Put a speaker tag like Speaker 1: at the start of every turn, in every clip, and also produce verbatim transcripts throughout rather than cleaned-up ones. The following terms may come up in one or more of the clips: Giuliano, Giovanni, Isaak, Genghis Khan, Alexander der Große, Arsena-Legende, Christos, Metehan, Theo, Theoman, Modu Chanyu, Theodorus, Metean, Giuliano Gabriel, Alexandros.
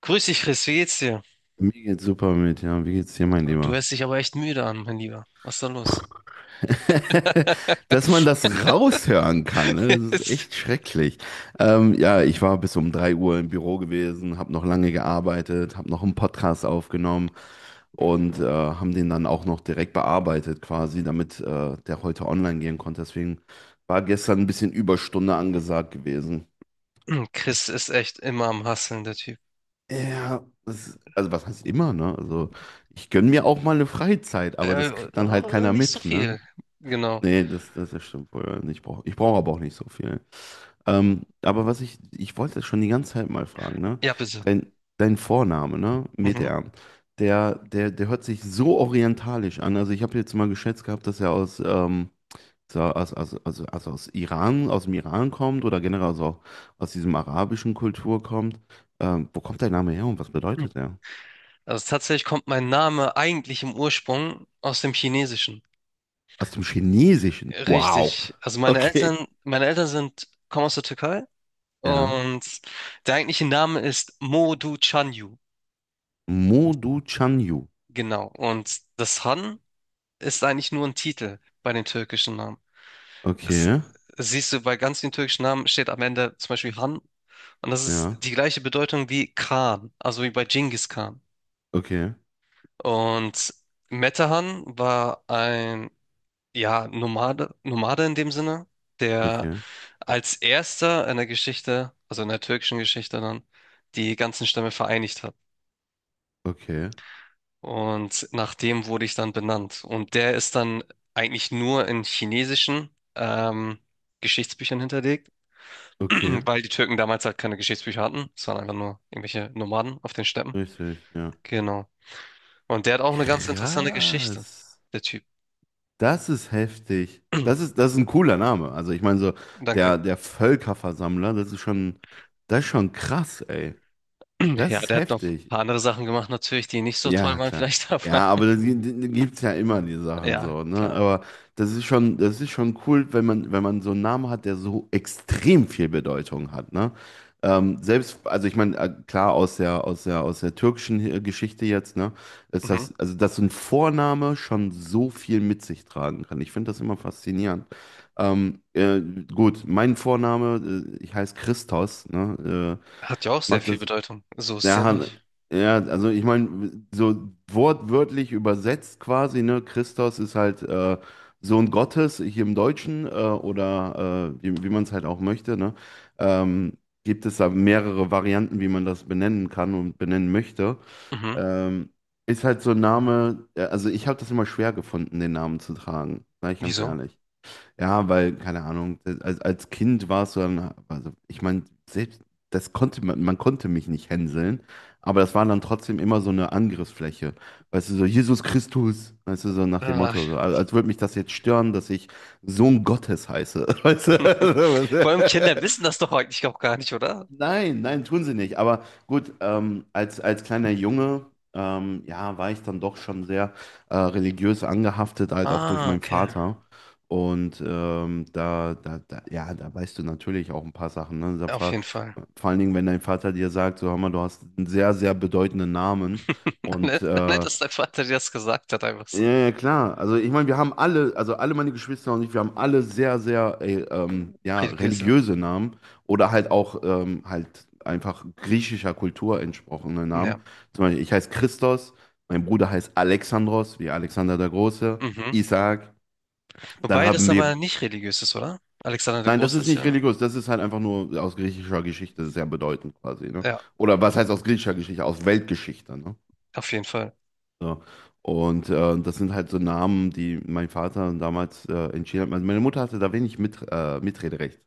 Speaker 1: Grüß dich, Chris, wie geht's dir?
Speaker 2: Mir geht's super mit, ja. Wie geht's dir, mein
Speaker 1: Oh, du
Speaker 2: Lieber?
Speaker 1: hörst dich aber echt müde an, mein Lieber. Was ist da los?
Speaker 2: Dass man das raushören kann, ne? Das ist echt schrecklich. Ähm, ja, ich war bis um drei Uhr im Büro gewesen, habe noch lange gearbeitet, habe noch einen Podcast aufgenommen und äh, haben den dann auch noch direkt bearbeitet quasi, damit äh, der heute online gehen konnte. Deswegen war gestern ein bisschen Überstunde angesagt gewesen.
Speaker 1: Chris ist echt immer am Hasseln, der Typ.
Speaker 2: Ja, das, also was heißt immer, ne? Also ich gönne mir auch mal eine Freizeit, aber
Speaker 1: Äh,
Speaker 2: das kriegt dann halt
Speaker 1: äh,
Speaker 2: keiner
Speaker 1: nicht so
Speaker 2: mit, ne?
Speaker 1: viel. Genau.
Speaker 2: Nee, das, das das stimmt wohl. Und Ich brauche ich brauch aber auch nicht so viel. Ähm, aber was ich, ich wollte schon die ganze Zeit mal fragen, ne?
Speaker 1: Ja, bitte.
Speaker 2: Dein, dein Vorname, ne?
Speaker 1: Mhm.
Speaker 2: Metean, der, der, der hört sich so orientalisch an. Also ich habe jetzt mal geschätzt gehabt, dass er aus, ähm, so aus, aus, aus, aus, aus Iran, aus dem Iran kommt oder generell also auch aus diesem arabischen Kultur kommt. Ähm, wo kommt dein Name her und was bedeutet er?
Speaker 1: Also tatsächlich kommt mein Name eigentlich im Ursprung aus dem Chinesischen.
Speaker 2: Aus dem Chinesischen. Wow.
Speaker 1: Richtig. Also meine Eltern,
Speaker 2: Okay.
Speaker 1: meine Eltern sind, kommen aus der Türkei,
Speaker 2: Ja.
Speaker 1: und der eigentliche Name ist Modu Chanyu.
Speaker 2: Modu Chanyu.
Speaker 1: Genau. Und das Han ist eigentlich nur ein Titel bei den türkischen Namen. Es,
Speaker 2: Okay.
Speaker 1: siehst du, bei ganz vielen türkischen Namen steht am Ende zum Beispiel Han. Und das
Speaker 2: Ja,
Speaker 1: ist die gleiche Bedeutung wie Khan, also wie bei Genghis Khan.
Speaker 2: okay,
Speaker 1: Und Metehan war ein, ja, Nomade, Nomade in dem Sinne, der
Speaker 2: okay,
Speaker 1: als erster in der Geschichte, also in der türkischen Geschichte dann, die ganzen Stämme vereinigt hat.
Speaker 2: okay,
Speaker 1: Und nach dem wurde ich dann benannt. Und der ist dann eigentlich nur in chinesischen ähm, Geschichtsbüchern hinterlegt.
Speaker 2: okay,
Speaker 1: Weil die Türken damals halt keine Geschichtsbücher hatten. Es waren einfach nur irgendwelche Nomaden auf den Steppen.
Speaker 2: richtig, ja.
Speaker 1: Genau. Und der hat auch eine ganz interessante Geschichte,
Speaker 2: Krass.
Speaker 1: der Typ.
Speaker 2: Das ist heftig. Das ist, das ist ein cooler Name. Also ich meine so,
Speaker 1: Danke.
Speaker 2: der, der Völkerversammler, das ist schon, das ist schon krass, ey. Das
Speaker 1: Ja,
Speaker 2: ist
Speaker 1: der hat noch ein
Speaker 2: heftig.
Speaker 1: paar andere Sachen gemacht, natürlich, die nicht so toll
Speaker 2: Ja,
Speaker 1: waren,
Speaker 2: klar.
Speaker 1: vielleicht, aber
Speaker 2: Ja, aber da gibt es ja immer die Sachen
Speaker 1: ja,
Speaker 2: so, ne?
Speaker 1: klar.
Speaker 2: Aber das ist schon, das ist schon cool, wenn man, wenn man so einen Namen hat, der so extrem viel Bedeutung hat, ne? Ähm, selbst, also ich meine, äh, klar, aus der, aus der, aus der türkischen äh, Geschichte jetzt, ne, ist
Speaker 1: Mhm.
Speaker 2: das, also dass so ein Vorname schon so viel mit sich tragen kann. Ich finde das immer faszinierend. Ähm, äh, gut, mein Vorname, äh, ich heiße Christos, ne,
Speaker 1: Hat ja auch
Speaker 2: äh,
Speaker 1: sehr
Speaker 2: macht
Speaker 1: viel
Speaker 2: das,
Speaker 1: Bedeutung. So ist es
Speaker 2: ja,
Speaker 1: ja
Speaker 2: Han-
Speaker 1: nicht.
Speaker 2: ja, also ich meine, so wortwörtlich übersetzt quasi, ne? Christos ist halt äh, Sohn Gottes, hier im Deutschen, äh, oder äh, wie, wie man es halt auch möchte, ne? Ähm, gibt es da mehrere Varianten, wie man das benennen kann und benennen möchte.
Speaker 1: Mhm.
Speaker 2: Ähm, ist halt so ein Name, ja, also ich habe das immer schwer gefunden, den Namen zu tragen, sag ich ganz
Speaker 1: Wieso?
Speaker 2: ehrlich. Ja, weil, keine Ahnung, als, als Kind warst du dann, also ich meine, selbst das konnte man, man konnte mich nicht hänseln, aber das war dann trotzdem immer so eine Angriffsfläche. Weißt du, so Jesus Christus, weißt du, so nach dem
Speaker 1: Äh,
Speaker 2: Motto, so, als, als würde mich das jetzt stören, dass ich Sohn Gottes heiße. Weißt du?
Speaker 1: vor allem Kinder wissen das doch eigentlich auch gar nicht, oder?
Speaker 2: Nein, nein, tun sie nicht. Aber gut, ähm, als, als kleiner Junge, ähm, ja, war ich dann doch schon sehr äh, religiös angehaftet, halt auch durch
Speaker 1: Ah,
Speaker 2: meinen
Speaker 1: okay.
Speaker 2: Vater. Und ähm, da, da, da, ja, da weißt du natürlich auch ein paar Sachen. Ne? Da
Speaker 1: Auf
Speaker 2: frag,
Speaker 1: jeden Fall.
Speaker 2: vor allen Dingen, wenn dein Vater dir sagt, so, hör mal, du hast einen sehr, sehr bedeutenden Namen. Und
Speaker 1: Nett, nett,
Speaker 2: äh,
Speaker 1: dass dein Vater dir das gesagt hat, einfach
Speaker 2: ja,
Speaker 1: so.
Speaker 2: ja, klar. Also ich meine, wir haben alle, also alle meine Geschwister und ich, wir haben alle sehr, sehr äh, ähm, ja,
Speaker 1: Religiöse.
Speaker 2: religiöse Namen oder halt auch ähm, halt einfach griechischer Kultur entsprochene
Speaker 1: Ja.
Speaker 2: Namen. Zum Beispiel, ich heiße Christos, mein Bruder heißt Alexandros, wie Alexander der Große,
Speaker 1: Mhm.
Speaker 2: Isaak. Dann
Speaker 1: Wobei das
Speaker 2: haben wir,
Speaker 1: aber nicht religiös ist, oder? Alexander der
Speaker 2: nein, das
Speaker 1: Große
Speaker 2: ist
Speaker 1: ist
Speaker 2: nicht
Speaker 1: ja.
Speaker 2: religiös, das ist halt einfach nur aus griechischer Geschichte sehr bedeutend quasi, ne?
Speaker 1: Ja,
Speaker 2: Oder was heißt aus griechischer Geschichte? Aus Weltgeschichte, ne?
Speaker 1: auf jeden Fall.
Speaker 2: So. Und äh, das sind halt so Namen, die mein Vater damals äh, entschieden hat. Meine meine Mutter hatte da wenig mit, äh, Mitrederecht.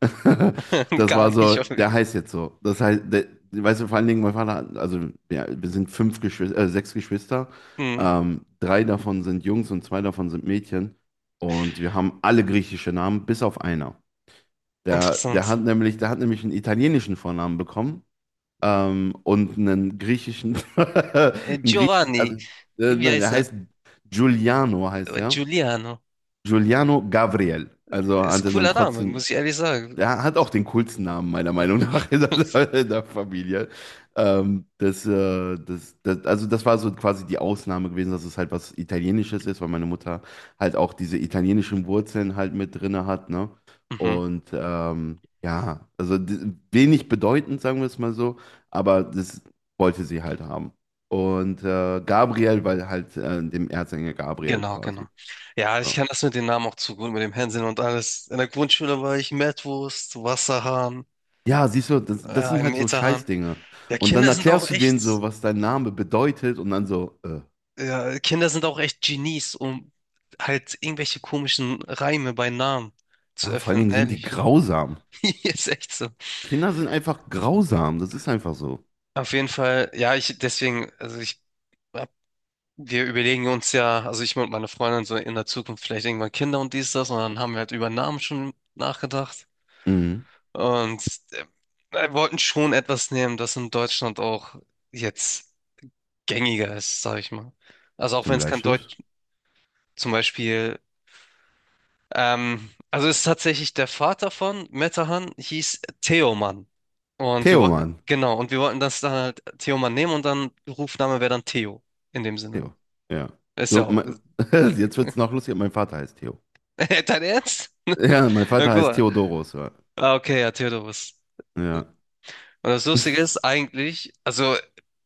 Speaker 2: Das
Speaker 1: Gar
Speaker 2: war so,
Speaker 1: nicht. Auf jeden.
Speaker 2: der heißt jetzt so. Das heißt, der, weißt du, vor allen Dingen mein Vater, hat- also ja, wir sind fünf Geschwister, äh, sechs Geschwister.
Speaker 1: Hm,
Speaker 2: Ähm, drei davon sind Jungs und zwei davon sind Mädchen. Und wir haben alle griechische Namen, bis auf einer. Der, der
Speaker 1: interessant.
Speaker 2: hat nämlich, der hat nämlich einen italienischen Vornamen bekommen ähm, und einen griechischen,
Speaker 1: Äh,
Speaker 2: einen griechischen, also
Speaker 1: Giovanni,
Speaker 2: äh,
Speaker 1: wie
Speaker 2: nein, der
Speaker 1: heißt er?
Speaker 2: heißt Giuliano heißt
Speaker 1: Äh,
Speaker 2: er.
Speaker 1: Giuliano.
Speaker 2: Giuliano Gabriel. Also hat
Speaker 1: Ist
Speaker 2: er dann
Speaker 1: cooler Name,
Speaker 2: trotzdem
Speaker 1: muss ich ehrlich sagen.
Speaker 2: der hat auch den coolsten Namen, meiner
Speaker 1: Äh,
Speaker 2: Meinung nach, in der, in der Familie. Ähm, das, äh, das, das, also das war so quasi die Ausnahme gewesen, dass es halt was Italienisches ist, weil meine Mutter halt auch diese italienischen Wurzeln halt mit drinne hat, ne?
Speaker 1: mhm,
Speaker 2: Und ähm, ja, also d- wenig bedeutend, sagen wir es mal so, aber das wollte sie halt haben. Und äh, Gabriel, weil halt äh, dem Erzengel Gabriel
Speaker 1: genau, genau.
Speaker 2: quasi.
Speaker 1: Ja, ich
Speaker 2: Ja.
Speaker 1: kann das mit den Namen auch zu gut, mit dem Hänseln und alles. In der Grundschule war ich Mettwurst, Wasserhahn,
Speaker 2: Ja, siehst du, das,
Speaker 1: äh,
Speaker 2: das sind
Speaker 1: ein
Speaker 2: halt so
Speaker 1: Meterhahn.
Speaker 2: Scheißdinge.
Speaker 1: Ja,
Speaker 2: Und dann
Speaker 1: Kinder sind auch
Speaker 2: erklärst du
Speaker 1: echt.
Speaker 2: denen so, was dein Name bedeutet und dann so, äh,
Speaker 1: Ja, Kinder sind auch echt Genies, um halt irgendwelche komischen Reime bei Namen zu
Speaker 2: ja, vor allen
Speaker 1: öffnen,
Speaker 2: Dingen sind die
Speaker 1: ehrlich.
Speaker 2: grausam.
Speaker 1: Ist echt so.
Speaker 2: Kinder sind einfach grausam, das ist einfach so.
Speaker 1: Auf jeden Fall, ja, ich deswegen, also ich, hab- Wir überlegen uns ja, also ich und meine Freundin so in der Zukunft vielleicht irgendwann Kinder und dies, das, und dann haben wir halt über Namen schon nachgedacht,
Speaker 2: Mhm,
Speaker 1: und äh, wir wollten schon etwas nehmen, das in Deutschland auch jetzt gängiger ist, sag ich mal. Also auch wenn
Speaker 2: zum
Speaker 1: es kein
Speaker 2: Bleistift.
Speaker 1: Deutsch, zum Beispiel. Ähm, also ist tatsächlich der Vater von Metahan, hieß Theoman. Und wir
Speaker 2: Theo,
Speaker 1: wollten,
Speaker 2: Mann.
Speaker 1: genau, und wir wollten das dann halt Theoman nehmen, und dann Rufname wäre dann Theo in dem Sinne.
Speaker 2: Theo, ja.
Speaker 1: Ist
Speaker 2: So,
Speaker 1: ja auch.
Speaker 2: mein, jetzt wird's noch lustiger, mein Vater heißt Theo.
Speaker 1: Dein Ernst?
Speaker 2: Ja, mein
Speaker 1: Ja,
Speaker 2: Vater heißt
Speaker 1: gut.
Speaker 2: Theodorus. Ja.
Speaker 1: Ah, okay, ja, Theodorus.
Speaker 2: Ja,
Speaker 1: Und das Lustige ist eigentlich, also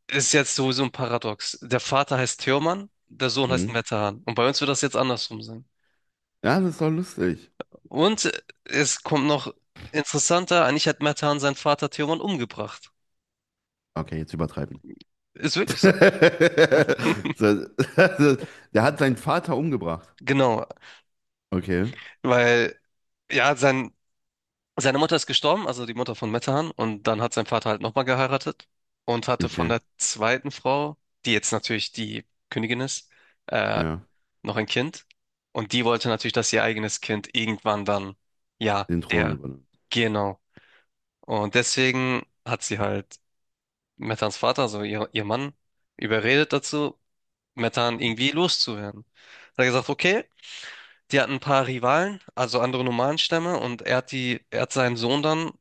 Speaker 1: ist jetzt sowieso ein Paradox. Der Vater heißt Theoman, der Sohn heißt
Speaker 2: mhm.
Speaker 1: Metahan. Und bei uns wird das jetzt andersrum sein.
Speaker 2: Ja, das ist doch lustig.
Speaker 1: Und äh, es kommt noch interessanter, eigentlich hat Metahan seinen Vater Theoman umgebracht.
Speaker 2: Okay, jetzt übertreiben.
Speaker 1: Ist wirklich so.
Speaker 2: So, der hat seinen Vater umgebracht.
Speaker 1: Genau.
Speaker 2: Okay,
Speaker 1: Weil, ja, sein, seine Mutter ist gestorben, also die Mutter von Metehan, und dann hat sein Vater halt nochmal geheiratet und hatte von
Speaker 2: okay,
Speaker 1: der zweiten Frau, die jetzt natürlich die Königin ist, äh,
Speaker 2: ja.
Speaker 1: noch ein Kind. Und die wollte natürlich, dass ihr eigenes Kind irgendwann dann, ja,
Speaker 2: Den Thron
Speaker 1: der,
Speaker 2: übernimmt.
Speaker 1: genau. Und deswegen hat sie halt Metans Vater, also ihr, ihr Mann, überredet dazu, Metehan irgendwie loszuwerden. Hat er gesagt, okay, die hatten ein paar Rivalen, also andere Nomadenstämme, und er hat die, er hat seinen Sohn dann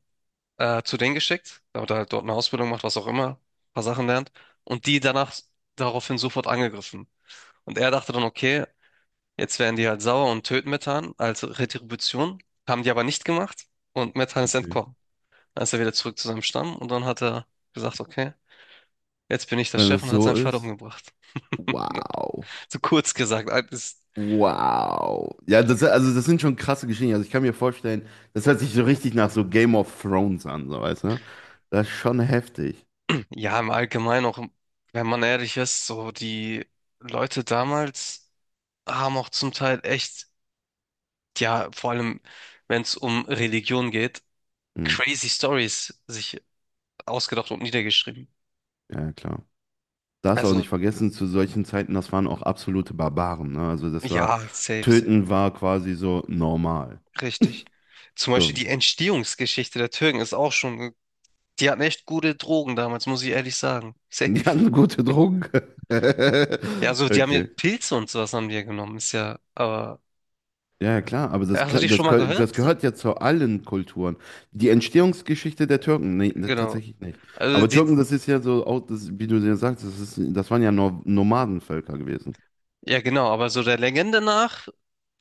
Speaker 1: äh, zu denen geschickt, damit er halt dort eine Ausbildung macht, was auch immer, ein paar Sachen lernt, und die danach daraufhin sofort angegriffen. Und er dachte dann, okay, jetzt werden die halt sauer und töten Methan als Retribution, haben die aber nicht gemacht, und Methan ist
Speaker 2: Okay.
Speaker 1: entkommen. Dann ist er wieder zurück zu seinem Stamm, und dann hat er gesagt, okay, jetzt bin ich der
Speaker 2: Wenn
Speaker 1: Chef,
Speaker 2: es
Speaker 1: und hat
Speaker 2: so
Speaker 1: seinen Vater
Speaker 2: ist,
Speaker 1: umgebracht.
Speaker 2: wow.
Speaker 1: So kurz gesagt, das.
Speaker 2: Wow. Ja, das, also das sind schon krasse Geschichten. Also ich kann mir vorstellen, das hört sich so richtig nach so Game of Thrones an, so weißt du? Das ist schon heftig.
Speaker 1: Ja, im Allgemeinen auch, wenn man ehrlich ist, so die Leute damals haben auch zum Teil echt, ja, vor allem wenn es um Religion geht,
Speaker 2: Hm.
Speaker 1: crazy Stories sich ausgedacht und niedergeschrieben.
Speaker 2: Ja, klar. Darfst auch
Speaker 1: Also
Speaker 2: nicht vergessen, zu solchen Zeiten, das waren auch absolute Barbaren, ne? Also das war,
Speaker 1: ja, safe, safe,
Speaker 2: Töten war quasi so normal.
Speaker 1: richtig. Zum Beispiel
Speaker 2: So,
Speaker 1: die Entstehungsgeschichte der Türken ist auch schon, die hatten echt gute Drogen damals, muss ich ehrlich sagen.
Speaker 2: die
Speaker 1: Safe.
Speaker 2: hatten gute Drogen.
Speaker 1: Ja, also die haben ja
Speaker 2: Okay.
Speaker 1: Pilze und sowas haben die ja genommen, ist ja, aber
Speaker 2: Ja, ja, klar, aber
Speaker 1: ja,
Speaker 2: das,
Speaker 1: hast du
Speaker 2: gehö-
Speaker 1: dich
Speaker 2: das,
Speaker 1: schon mal
Speaker 2: gehö- das
Speaker 1: gehört?
Speaker 2: gehört ja zu allen Kulturen. Die Entstehungsgeschichte der Türken, nee, ne,
Speaker 1: Genau.
Speaker 2: tatsächlich nicht.
Speaker 1: Also
Speaker 2: Aber Türken, das ist ja so, auch das, wie du ja sagst, das ist, das waren ja Nor- Nomadenvölker gewesen.
Speaker 1: ja, genau, aber so der Legende nach,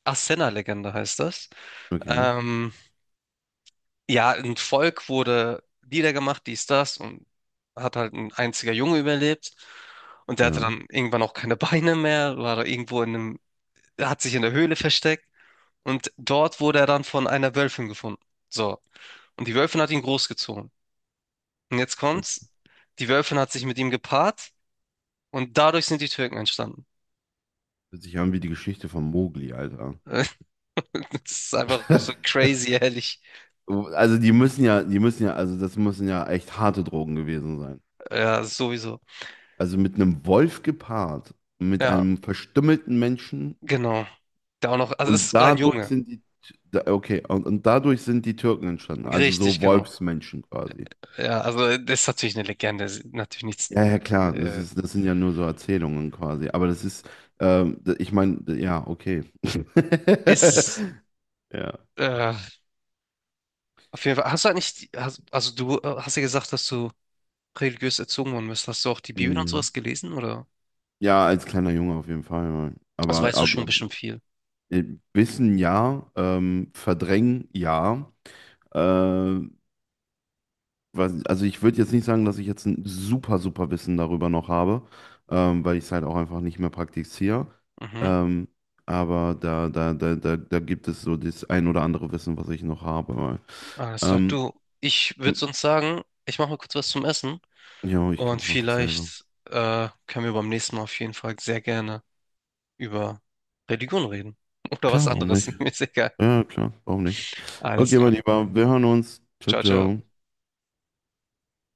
Speaker 1: Arsena-Legende heißt das.
Speaker 2: Okay,
Speaker 1: Ähm, ja, ein Volk wurde niedergemacht, dies, das, und hat halt ein einziger Junge überlebt. Und der hatte
Speaker 2: ja.
Speaker 1: dann irgendwann auch keine Beine mehr, war da irgendwo in einem, hat sich in der Höhle versteckt. Und dort wurde er dann von einer Wölfin gefunden. So. Und die Wölfin hat ihn großgezogen. Und jetzt
Speaker 2: Das
Speaker 1: kommt's, die Wölfin hat sich mit ihm gepaart und dadurch sind die Türken entstanden.
Speaker 2: hört sich ja an wie die Geschichte von Mowgli, Alter.
Speaker 1: Das ist einfach so crazy, ehrlich.
Speaker 2: Also die müssen ja, die müssen ja, also das müssen ja echt harte Drogen gewesen sein.
Speaker 1: Ja, sowieso.
Speaker 2: Also mit einem Wolf gepaart, mit
Speaker 1: Ja.
Speaker 2: einem verstümmelten Menschen.
Speaker 1: Genau. Der auch noch, also
Speaker 2: Und
Speaker 1: es war ein
Speaker 2: dadurch
Speaker 1: Junge.
Speaker 2: sind die, da- okay, und, und dadurch sind die Türken entstanden, also so
Speaker 1: Richtig, genau.
Speaker 2: Wolfsmenschen quasi.
Speaker 1: Ja, also das ist natürlich eine Legende, ist natürlich nichts.
Speaker 2: Ja, ja, klar, das
Speaker 1: Äh,
Speaker 2: ist, das sind ja nur so Erzählungen quasi, aber das ist, ähm, d- ich meine, ja, okay.
Speaker 1: ist
Speaker 2: Ja.
Speaker 1: äh, auf jeden Fall. Hast du eigentlich, die- hast, also du äh, hast ja gesagt, dass du religiös erzogen worden bist. Hast du auch die Bibel und
Speaker 2: Mhm.
Speaker 1: sowas gelesen, oder?
Speaker 2: Ja, als kleiner Junge auf jeden Fall. Ja.
Speaker 1: Also
Speaker 2: Aber,
Speaker 1: weißt du schon
Speaker 2: aber
Speaker 1: bestimmt viel.
Speaker 2: äh, Wissen ja, ähm, verdrängen ja. äh, weiß- also ich würde jetzt nicht sagen, dass ich jetzt ein super, super Wissen darüber noch habe, ähm, weil ich es halt auch einfach nicht mehr praktiziere.
Speaker 1: Mhm.
Speaker 2: Ähm, aber da, da, da, da, da gibt es so das ein oder andere Wissen, was ich noch habe. Weil,
Speaker 1: Alles klar.
Speaker 2: ähm,
Speaker 1: Du, ich würde sonst sagen, ich mache mal kurz was zum Essen,
Speaker 2: ja, ich glaube,
Speaker 1: und
Speaker 2: ich mache dasselbe.
Speaker 1: vielleicht äh, können wir beim nächsten Mal auf jeden Fall sehr gerne über Religion reden. Oder was
Speaker 2: Klar, warum
Speaker 1: anderes.
Speaker 2: nicht?
Speaker 1: Mir ist egal.
Speaker 2: Ja, klar, warum nicht?
Speaker 1: Alles
Speaker 2: Okay,
Speaker 1: klar.
Speaker 2: mein Lieber, wir hören uns. Ciao,
Speaker 1: Jaja
Speaker 2: ciao.